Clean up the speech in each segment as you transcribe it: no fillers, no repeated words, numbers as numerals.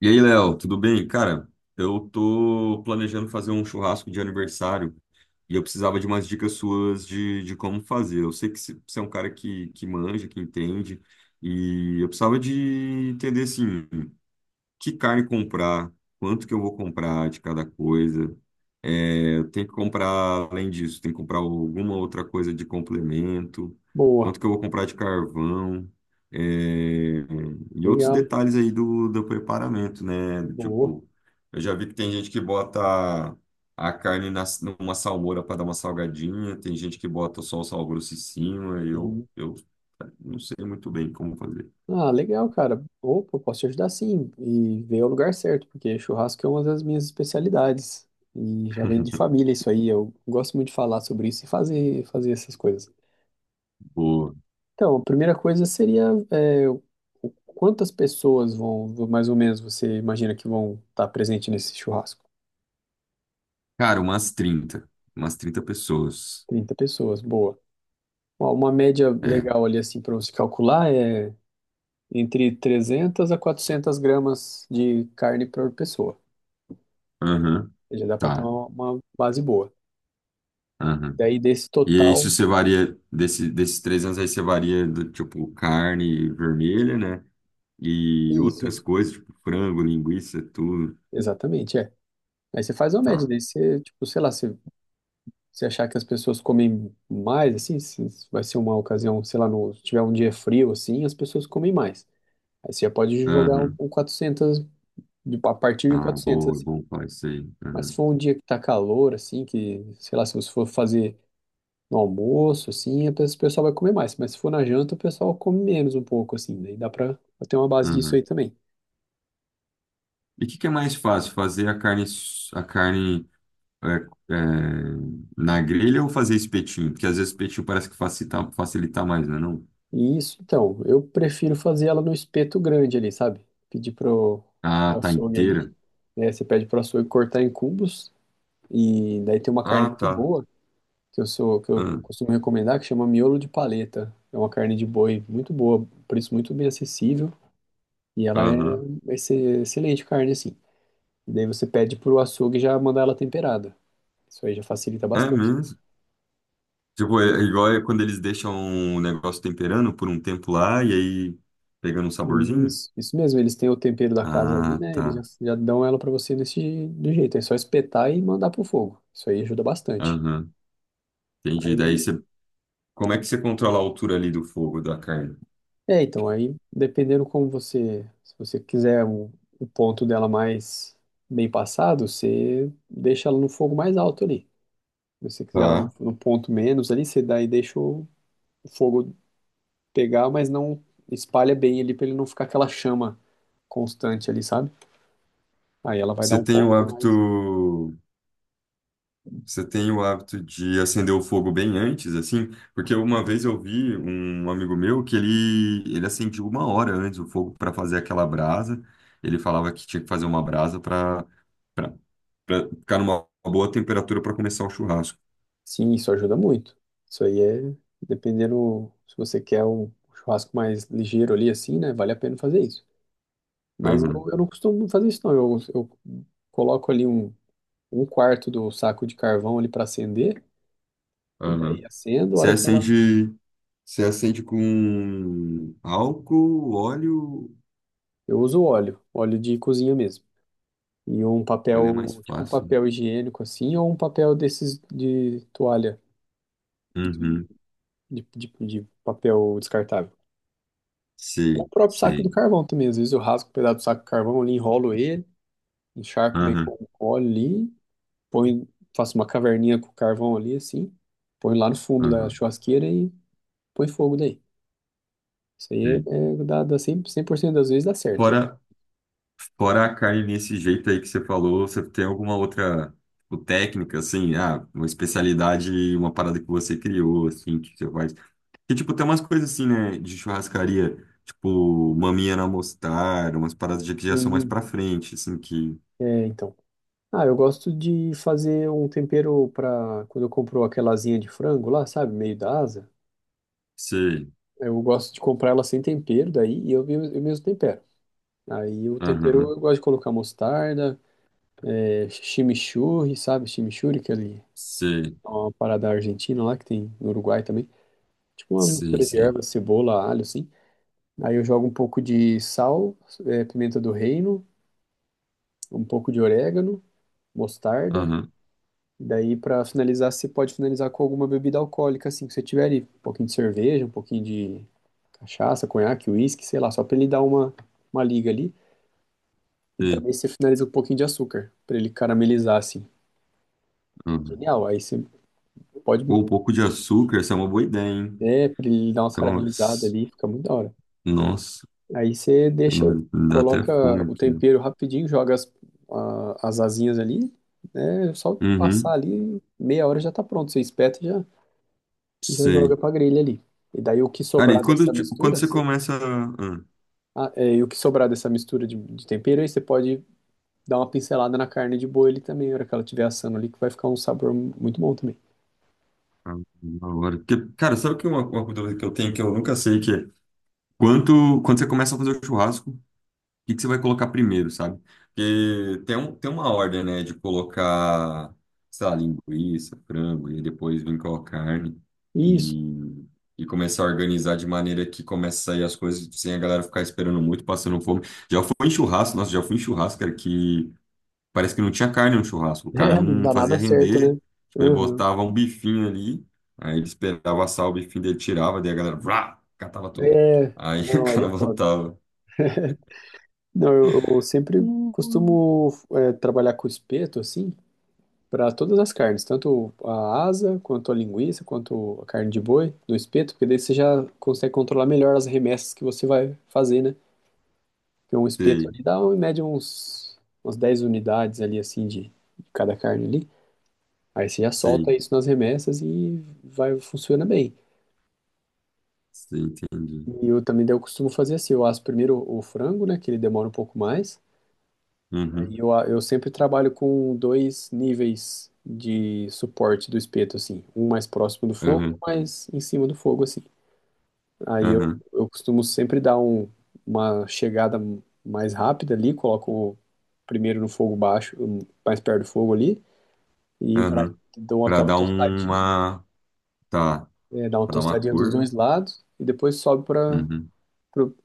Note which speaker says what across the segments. Speaker 1: E aí, Léo, tudo bem? Cara, eu tô planejando fazer um churrasco de aniversário e eu precisava de umas dicas suas de como fazer. Eu sei que você é um cara que manja, que entende, e eu precisava de entender, assim, que carne comprar, quanto que eu vou comprar de cada coisa. É, eu tenho que comprar, além disso, tem que comprar alguma outra coisa de complemento, quanto
Speaker 2: Boa,
Speaker 1: que eu vou comprar de carvão, é, e outros
Speaker 2: legal,
Speaker 1: detalhes aí do preparamento, né? Do
Speaker 2: boa,
Speaker 1: tipo, eu já vi que tem gente que bota a carne numa salmoura para dar uma salgadinha, tem gente que bota só o sal grosso em cima, eu,
Speaker 2: sim.
Speaker 1: eu não sei muito bem como fazer.
Speaker 2: Ah, legal, cara. Opa, posso te ajudar sim e ver o lugar certo, porque churrasco é uma das minhas especialidades e já vem de família isso aí. Eu gosto muito de falar sobre isso e fazer essas coisas. Então, a primeira coisa seria é, o- quantas pessoas mais ou menos, você imagina que vão estar presente nesse churrasco?
Speaker 1: Cara, umas trinta pessoas.
Speaker 2: 30 pessoas, boa. Ó, uma média
Speaker 1: É.
Speaker 2: legal ali assim para você calcular é entre 300 a 400 gramas de carne por pessoa.
Speaker 1: Aham.
Speaker 2: Já dá para ter
Speaker 1: Tá.
Speaker 2: uma base boa.
Speaker 1: Aham.
Speaker 2: Daí desse
Speaker 1: E isso
Speaker 2: total,
Speaker 1: você varia, desses 3 anos aí você varia do tipo carne vermelha, né? E
Speaker 2: isso,
Speaker 1: outras
Speaker 2: isso.
Speaker 1: coisas, tipo frango, linguiça, tudo.
Speaker 2: Exatamente, é. Aí você faz uma média,
Speaker 1: Tá.
Speaker 2: daí você, tipo, sei lá, se você achar que as pessoas comem mais, assim, se vai ser uma ocasião, sei lá, se tiver um dia frio, assim, as pessoas comem mais. Aí você já pode jogar um,
Speaker 1: Aham.
Speaker 2: um 400, a partir de
Speaker 1: Ah,
Speaker 2: 400,
Speaker 1: boa, é
Speaker 2: assim.
Speaker 1: bom falar isso aí.
Speaker 2: Mas se
Speaker 1: Aham.
Speaker 2: for um dia que tá calor, assim, que, sei lá, se você for fazer no almoço, assim, o pessoal vai comer mais, mas se for na janta, o pessoal come menos um pouco, assim, daí dá pra ter uma base disso aí
Speaker 1: Aham.
Speaker 2: também.
Speaker 1: E o que que é mais fácil, fazer a carne, a carne é, na grelha ou fazer espetinho? Porque às vezes espetinho parece que facilita, facilita mais, né? Não?
Speaker 2: E isso, então, eu prefiro fazer ela no espeto grande ali, sabe? Pedir
Speaker 1: Ah,
Speaker 2: pro
Speaker 1: tá
Speaker 2: açougue ali,
Speaker 1: inteira.
Speaker 2: né? Você pede pro açougue cortar em cubos, e daí tem uma carne
Speaker 1: Ah,
Speaker 2: muito
Speaker 1: tá.
Speaker 2: boa, que eu
Speaker 1: Ah,
Speaker 2: costumo recomendar, que chama miolo de paleta. É uma carne de boi muito boa, preço muito bem acessível, e ela é
Speaker 1: aham.
Speaker 2: vai ser excelente carne, assim. E daí você pede pro açougue já mandar ela temperada. Isso aí já facilita
Speaker 1: É
Speaker 2: bastante.
Speaker 1: mesmo. Tipo, é igual é quando eles deixam o negócio temperando por um tempo lá e aí pegando um saborzinho.
Speaker 2: Isso mesmo, eles têm o tempero da casa ali,
Speaker 1: Ah,
Speaker 2: né? Eles já,
Speaker 1: tá.
Speaker 2: já dão ela pra você desse do jeito. É só espetar e mandar pro fogo. Isso aí ajuda bastante.
Speaker 1: Aham. Entendi. Daí
Speaker 2: Aí,
Speaker 1: você. Como é que você controla a altura ali do fogo da carne?
Speaker 2: então, aí dependendo como você, se você quiser o ponto dela mais bem passado, você deixa ela no fogo mais alto ali. Se você quiser ela
Speaker 1: Tá.
Speaker 2: no ponto menos ali, você daí deixa o fogo pegar, mas não espalha bem ali pra ele não ficar aquela chama constante ali, sabe? Aí ela vai dar
Speaker 1: Você
Speaker 2: um
Speaker 1: tem o
Speaker 2: ponto mais.
Speaker 1: hábito. Você tem o hábito de acender o fogo bem antes, assim? Porque uma vez eu vi um amigo meu que ele acendia uma hora antes o fogo para fazer aquela brasa. Ele falava que tinha que fazer uma brasa para. Pra ficar numa boa temperatura para começar o churrasco.
Speaker 2: Sim, isso ajuda muito. Isso aí é, dependendo, se você quer um churrasco mais ligeiro ali, assim, né? Vale a pena fazer isso. Mas
Speaker 1: Aham,
Speaker 2: eu não costumo fazer isso, não. Eu coloco ali um quarto do saco de carvão ali para acender, e
Speaker 1: aham.
Speaker 2: daí acendo, a
Speaker 1: Você
Speaker 2: hora que ela.
Speaker 1: acende, você acende com álcool, óleo.
Speaker 2: Eu uso óleo, óleo de cozinha mesmo. E um
Speaker 1: Olha, é mais
Speaker 2: papel, tipo um
Speaker 1: fácil.
Speaker 2: papel higiênico assim, ou um papel desses de toalha, de,
Speaker 1: Uhum.
Speaker 2: de papel descartável. O
Speaker 1: Sei,
Speaker 2: próprio saco do
Speaker 1: sei.
Speaker 2: carvão também. Às vezes eu rasgo um pedaço do saco do carvão ali, enrolo ele. Encharco bem
Speaker 1: Aham,
Speaker 2: com óleo ali, põe, faço uma caverninha com carvão ali, assim, põe lá no fundo da
Speaker 1: aham.
Speaker 2: churrasqueira e põe fogo daí. Isso aí
Speaker 1: Sei.
Speaker 2: dá cem por cento das vezes dá certo.
Speaker 1: Fora, fora a carne nesse jeito aí que você falou, você tem alguma outra tipo, técnica, assim, ah, uma especialidade, uma parada que você criou, assim, que você faz. Que, tipo, tem umas coisas assim, né, de churrascaria, tipo, maminha na mostarda, umas paradas de que
Speaker 2: E,
Speaker 1: já são mais pra frente, assim, que...
Speaker 2: então. Ah, eu gosto de fazer um tempero para quando eu compro aquela asinha de frango lá, sabe, meio da asa.
Speaker 1: Sei,
Speaker 2: Eu gosto de comprar ela sem tempero daí e eu, eu mesmo tempero. Aí o tempero
Speaker 1: aham,
Speaker 2: eu gosto de colocar mostarda, chimichurri, sabe, chimichurri, que é ali,
Speaker 1: sei,
Speaker 2: uma parada argentina lá que tem no Uruguai também. Tipo uma
Speaker 1: sei,
Speaker 2: mistura de
Speaker 1: sei,
Speaker 2: ervas, cebola, alho, assim. Aí eu jogo um pouco de sal, pimenta do reino, um pouco de orégano, mostarda.
Speaker 1: aham,
Speaker 2: Daí, pra finalizar, você pode finalizar com alguma bebida alcoólica, assim, que você tiver ali. Um pouquinho de cerveja, um pouquinho de cachaça, conhaque, uísque, sei lá, só pra ele dar uma liga ali. E
Speaker 1: sei,
Speaker 2: também você finaliza com um pouquinho de açúcar, pra ele caramelizar, assim.
Speaker 1: aham.
Speaker 2: Genial, aí você pode,
Speaker 1: Pô, um pouco de açúcar, essa é uma boa ideia, hein?
Speaker 2: pra ele dar uma
Speaker 1: Essa é uma...
Speaker 2: caramelizada
Speaker 1: s-
Speaker 2: ali, fica muito da hora.
Speaker 1: Nossa,
Speaker 2: Aí você
Speaker 1: eu não-
Speaker 2: deixa,
Speaker 1: me dá até
Speaker 2: coloca
Speaker 1: fome
Speaker 2: o
Speaker 1: aqui, né?
Speaker 2: tempero rapidinho, joga as, as asinhas ali, né? Só passar
Speaker 1: Uhum,
Speaker 2: ali, meia hora já tá pronto. Você espeta e já joga
Speaker 1: sei.
Speaker 2: pra grelha ali. E daí o que
Speaker 1: Cara, e
Speaker 2: sobrar dessa
Speaker 1: tipo, quando
Speaker 2: mistura,
Speaker 1: você
Speaker 2: você,
Speaker 1: começa... Ah,
Speaker 2: e o que sobrar dessa mistura de tempero, aí você pode dar uma pincelada na carne de boi ali também, na hora que ela estiver assando ali, que vai ficar um sabor muito bom também.
Speaker 1: ah, na hora. Porque, cara, sabe que é uma dúvida que eu tenho que eu nunca sei que é quando você começa a fazer o churrasco, que você vai colocar primeiro, sabe? Porque tem uma ordem, né, de colocar, sei lá, linguiça, frango, e depois vir com a carne
Speaker 2: Isso.
Speaker 1: e, e começar a organizar de maneira que comece a sair as coisas sem a galera ficar esperando muito, passando fome. Já fui em churrasco, nossa, já fui em churrasco, cara, que parece que não tinha carne no churrasco. O cara
Speaker 2: É, não
Speaker 1: não
Speaker 2: dá
Speaker 1: fazia
Speaker 2: nada certo,
Speaker 1: render,
Speaker 2: né?
Speaker 1: tipo, ele
Speaker 2: Uhum.
Speaker 1: botava um bifinho ali, aí ele esperava assar o bifinho dele, tirava, daí a galera, vrá, catava tudo.
Speaker 2: É,
Speaker 1: Aí o
Speaker 2: não, aí
Speaker 1: cara
Speaker 2: é foda.
Speaker 1: voltava.
Speaker 2: Não, eu sempre
Speaker 1: Hum.
Speaker 2: costumo trabalhar com espeto, assim, para todas as carnes, tanto a asa, quanto a linguiça, quanto a carne de boi, no espeto, porque daí você já consegue controlar melhor as remessas que você vai fazer, né? Porque um espeto
Speaker 1: Sei.
Speaker 2: ali dá, em média, uns, umas 10 unidades ali, assim, de cada carne ali. Aí você já solta
Speaker 1: Sim,
Speaker 2: isso nas remessas e vai, funciona bem.
Speaker 1: sim, entendi.
Speaker 2: E eu também, daí eu costumo fazer assim, eu asso primeiro o frango, né, que ele demora um pouco mais.
Speaker 1: Uhum,
Speaker 2: Aí eu sempre trabalho com dois níveis de suporte do espeto, assim. Um mais próximo do fogo, um
Speaker 1: uhum,
Speaker 2: mais em cima do fogo, assim. Aí eu,
Speaker 1: uhum,
Speaker 2: eu costumo sempre dar uma chegada mais rápida ali, coloco primeiro no fogo baixo, mais perto do fogo ali, e
Speaker 1: uhum.
Speaker 2: dou
Speaker 1: Para
Speaker 2: aquela
Speaker 1: dar
Speaker 2: tostadinha,
Speaker 1: uma. Tá,
Speaker 2: dá uma
Speaker 1: para dar uma
Speaker 2: tostadinha dos
Speaker 1: cor, né?
Speaker 2: dois lados, e depois sobe para
Speaker 1: Uhum,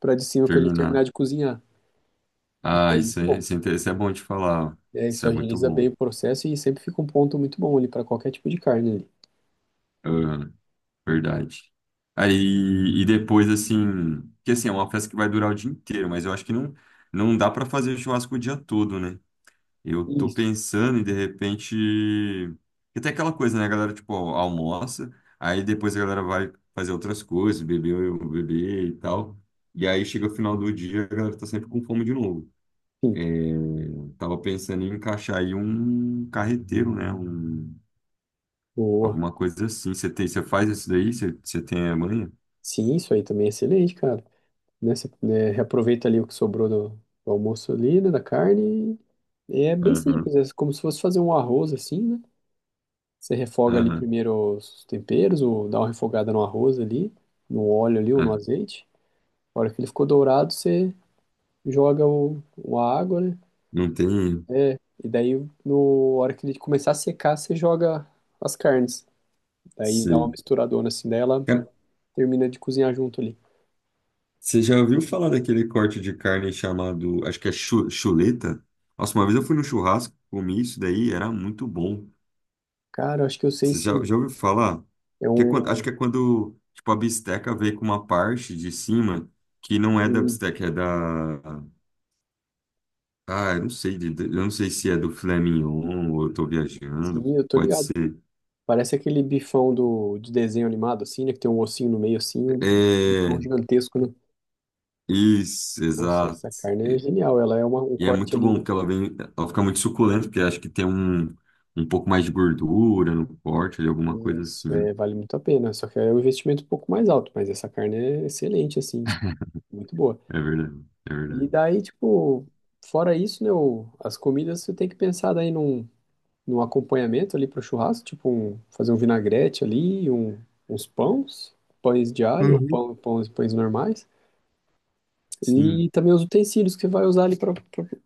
Speaker 2: para de cima para ele terminar
Speaker 1: terminar.
Speaker 2: de cozinhar. Isso
Speaker 1: Ah,
Speaker 2: é muito bom.
Speaker 1: isso é bom de falar.
Speaker 2: É,
Speaker 1: Isso
Speaker 2: isso
Speaker 1: é muito
Speaker 2: agiliza bem
Speaker 1: bom.
Speaker 2: o processo e sempre fica um ponto muito bom ali para qualquer tipo de carne.
Speaker 1: Uhum, verdade. Aí, e depois, assim. Porque, assim, é uma festa que vai durar o dia inteiro, mas eu acho que não, não dá para fazer churrasco o dia todo, né? Eu tô
Speaker 2: Isso,
Speaker 1: pensando em, de repente. Porque tem aquela coisa, né? A galera, tipo, almoça, aí depois a galera vai fazer outras coisas, beber, beber e tal. E aí chega o final do dia, a galera tá sempre com fome de novo.
Speaker 2: sim,
Speaker 1: É, tava pensando em encaixar aí um carreteiro, né?
Speaker 2: boa.
Speaker 1: Alguma coisa assim. Você faz isso daí? Você tem a manha?
Speaker 2: Sim, isso aí também é excelente, cara. Né, você, né, reaproveita ali o que sobrou do almoço ali, né, da carne. E é bem
Speaker 1: Aham,
Speaker 2: simples, é como se fosse fazer um arroz assim, né? Você refoga ali
Speaker 1: aham,
Speaker 2: primeiro os temperos, ou dá uma refogada no arroz ali, no óleo ali ou no
Speaker 1: aham.
Speaker 2: azeite. A hora que ele ficou dourado, você joga a água, né?
Speaker 1: Não tem.
Speaker 2: E daí, no, a hora que ele começar a secar, você joga as carnes. Daí dá uma
Speaker 1: Sim.
Speaker 2: misturadona assim dela, termina de cozinhar junto ali.
Speaker 1: Você já ouviu falar daquele corte de carne chamado, acho que é chuleta? Nossa, uma vez eu fui no churrasco, comi isso daí, era muito bom.
Speaker 2: Cara, eu acho que eu sei
Speaker 1: Você já,
Speaker 2: sim.
Speaker 1: já ouviu falar?
Speaker 2: É
Speaker 1: Que é quando, acho
Speaker 2: um.
Speaker 1: que é quando, tipo, a bisteca vem com uma parte de cima que não é da
Speaker 2: Sim,
Speaker 1: bisteca, é da... Ah, eu não sei se é do filé mignon ou eu tô viajando,
Speaker 2: sim, eu tô
Speaker 1: pode
Speaker 2: ligado.
Speaker 1: ser.
Speaker 2: Parece aquele bifão do, de desenho animado, assim, né? Que tem um ossinho no meio, assim, um bifão
Speaker 1: É,
Speaker 2: gigantesco, né?
Speaker 1: isso,
Speaker 2: Nossa,
Speaker 1: exato.
Speaker 2: essa carne é genial. Ela é uma, um
Speaker 1: E é
Speaker 2: corte
Speaker 1: muito bom,
Speaker 2: ali.
Speaker 1: porque ela vem, ela fica muito suculenta, porque acho que tem um pouco mais de gordura no corte, ali, alguma coisa
Speaker 2: Isso,
Speaker 1: assim.
Speaker 2: é, vale muito a pena. Só que é um investimento um pouco mais alto, mas essa carne é excelente, assim, muito boa.
Speaker 1: É verdade, é
Speaker 2: E
Speaker 1: verdade.
Speaker 2: daí, tipo, fora isso, né? As comidas você tem que pensar daí num. No acompanhamento ali para o churrasco, tipo um, fazer um vinagrete ali, um, uns pães, pães de alho ou
Speaker 1: Uhum.
Speaker 2: pão, pães, pães normais.
Speaker 1: Sim,
Speaker 2: E também os utensílios que você vai usar ali para o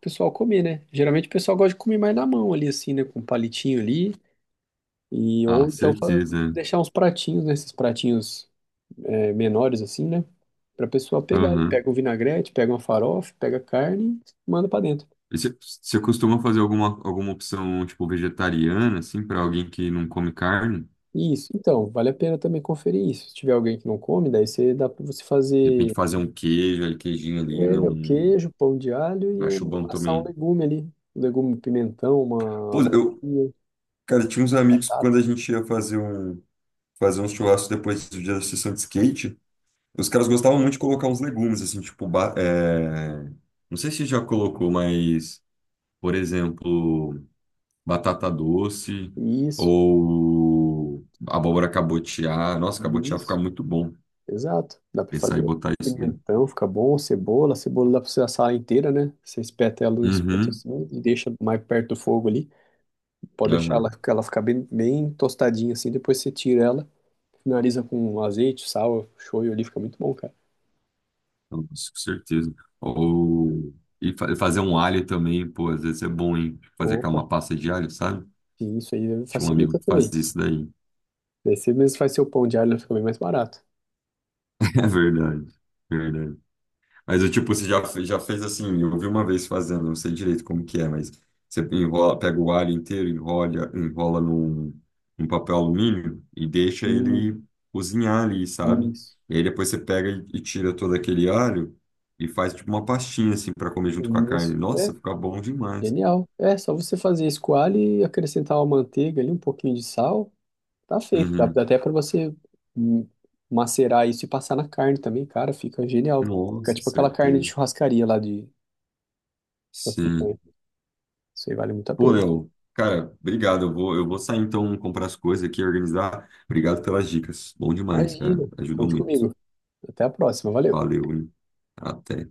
Speaker 2: pessoal comer, né? Geralmente o pessoal gosta de comer mais na mão ali, assim, né? Com um palitinho ali. E,
Speaker 1: ah,
Speaker 2: ou então
Speaker 1: certeza.
Speaker 2: deixar uns pratinhos, né? Esses pratinhos menores, assim, né? Para a pessoa pegar ali.
Speaker 1: Aham.
Speaker 2: Pega um vinagrete, pega uma farofa, pega carne, manda para dentro.
Speaker 1: E você costuma fazer alguma opção, tipo, vegetariana, assim, para alguém que não come carne?
Speaker 2: Isso, então, vale a pena também conferir isso. Se tiver alguém que não come, daí você dá para você
Speaker 1: De repente
Speaker 2: fazer.
Speaker 1: fazer um queijo, ali, queijinho ali, né?
Speaker 2: É, o
Speaker 1: Um...
Speaker 2: queijo, pão de alho e
Speaker 1: Acho bom
Speaker 2: assar um
Speaker 1: também.
Speaker 2: legume ali. Um legume, um pimentão, uma
Speaker 1: Pô,
Speaker 2: abobrinha,
Speaker 1: cara, tinha uns amigos
Speaker 2: batata.
Speaker 1: quando a gente ia fazer um, churrasco depois do dia da sessão de skate. Os caras gostavam muito de colocar uns legumes, assim, tipo, não sei se já colocou, mas, por exemplo, batata doce
Speaker 2: Isso,
Speaker 1: ou abóbora cabotiá. Nossa, cabotiá fica
Speaker 2: isso.
Speaker 1: muito bom
Speaker 2: Exato. Dá pra
Speaker 1: pensar em
Speaker 2: fazer.
Speaker 1: botar isso daí.
Speaker 2: Pimentão fica bom, cebola. Cebola dá pra você assar ela inteira, né? Você espeta ela no espeto
Speaker 1: Uhum,
Speaker 2: assim e deixa mais perto do fogo ali. Pode deixar ela,
Speaker 1: aham.
Speaker 2: ela ficar bem, bem tostadinha assim. Depois você tira ela, finaliza com azeite, sal, shoyu ali. Fica muito bom, cara.
Speaker 1: Nossa, com certeza. Ou fazer um alho também, pô, às vezes é bom, hein? Fazer aquela
Speaker 2: Opa,
Speaker 1: uma pasta de alho, sabe?
Speaker 2: e isso aí
Speaker 1: Tinha um amigo
Speaker 2: facilita
Speaker 1: que
Speaker 2: também.
Speaker 1: fazia isso daí.
Speaker 2: Daí você mesmo faz seu pão de alho, fica bem mais barato.
Speaker 1: É verdade, verdade. Mas eu, tipo, você já fez assim, eu vi uma vez fazendo, não sei direito como que é, mas você enrola, pega o alho inteiro, enrola num papel alumínio e deixa
Speaker 2: Hum.
Speaker 1: ele cozinhar ali, sabe?
Speaker 2: Isso,
Speaker 1: E aí depois você pega e tira todo aquele alho e faz tipo uma pastinha assim para comer junto com a
Speaker 2: isso.
Speaker 1: carne.
Speaker 2: É,
Speaker 1: Nossa, fica bom demais, cara.
Speaker 2: genial. É, só você fazer a escoalha e acrescentar uma manteiga ali, um pouquinho de sal, tá feito. Dá,
Speaker 1: Uhum.
Speaker 2: dá até para você hum, macerar isso e passar na carne também, cara, fica genial. Fica
Speaker 1: Nossa,
Speaker 2: tipo aquela carne de
Speaker 1: certeza.
Speaker 2: churrascaria lá de da
Speaker 1: Sim.
Speaker 2: picanha. Isso aí vale muito a
Speaker 1: Pô,
Speaker 2: pena.
Speaker 1: Léo, cara, obrigado. Eu vou sair então comprar as coisas aqui, organizar. Obrigado pelas dicas. Bom demais, cara.
Speaker 2: Imagina.
Speaker 1: Ajudou
Speaker 2: Conte
Speaker 1: muito.
Speaker 2: comigo. Até a próxima. Valeu.
Speaker 1: Valeu, hein? Até.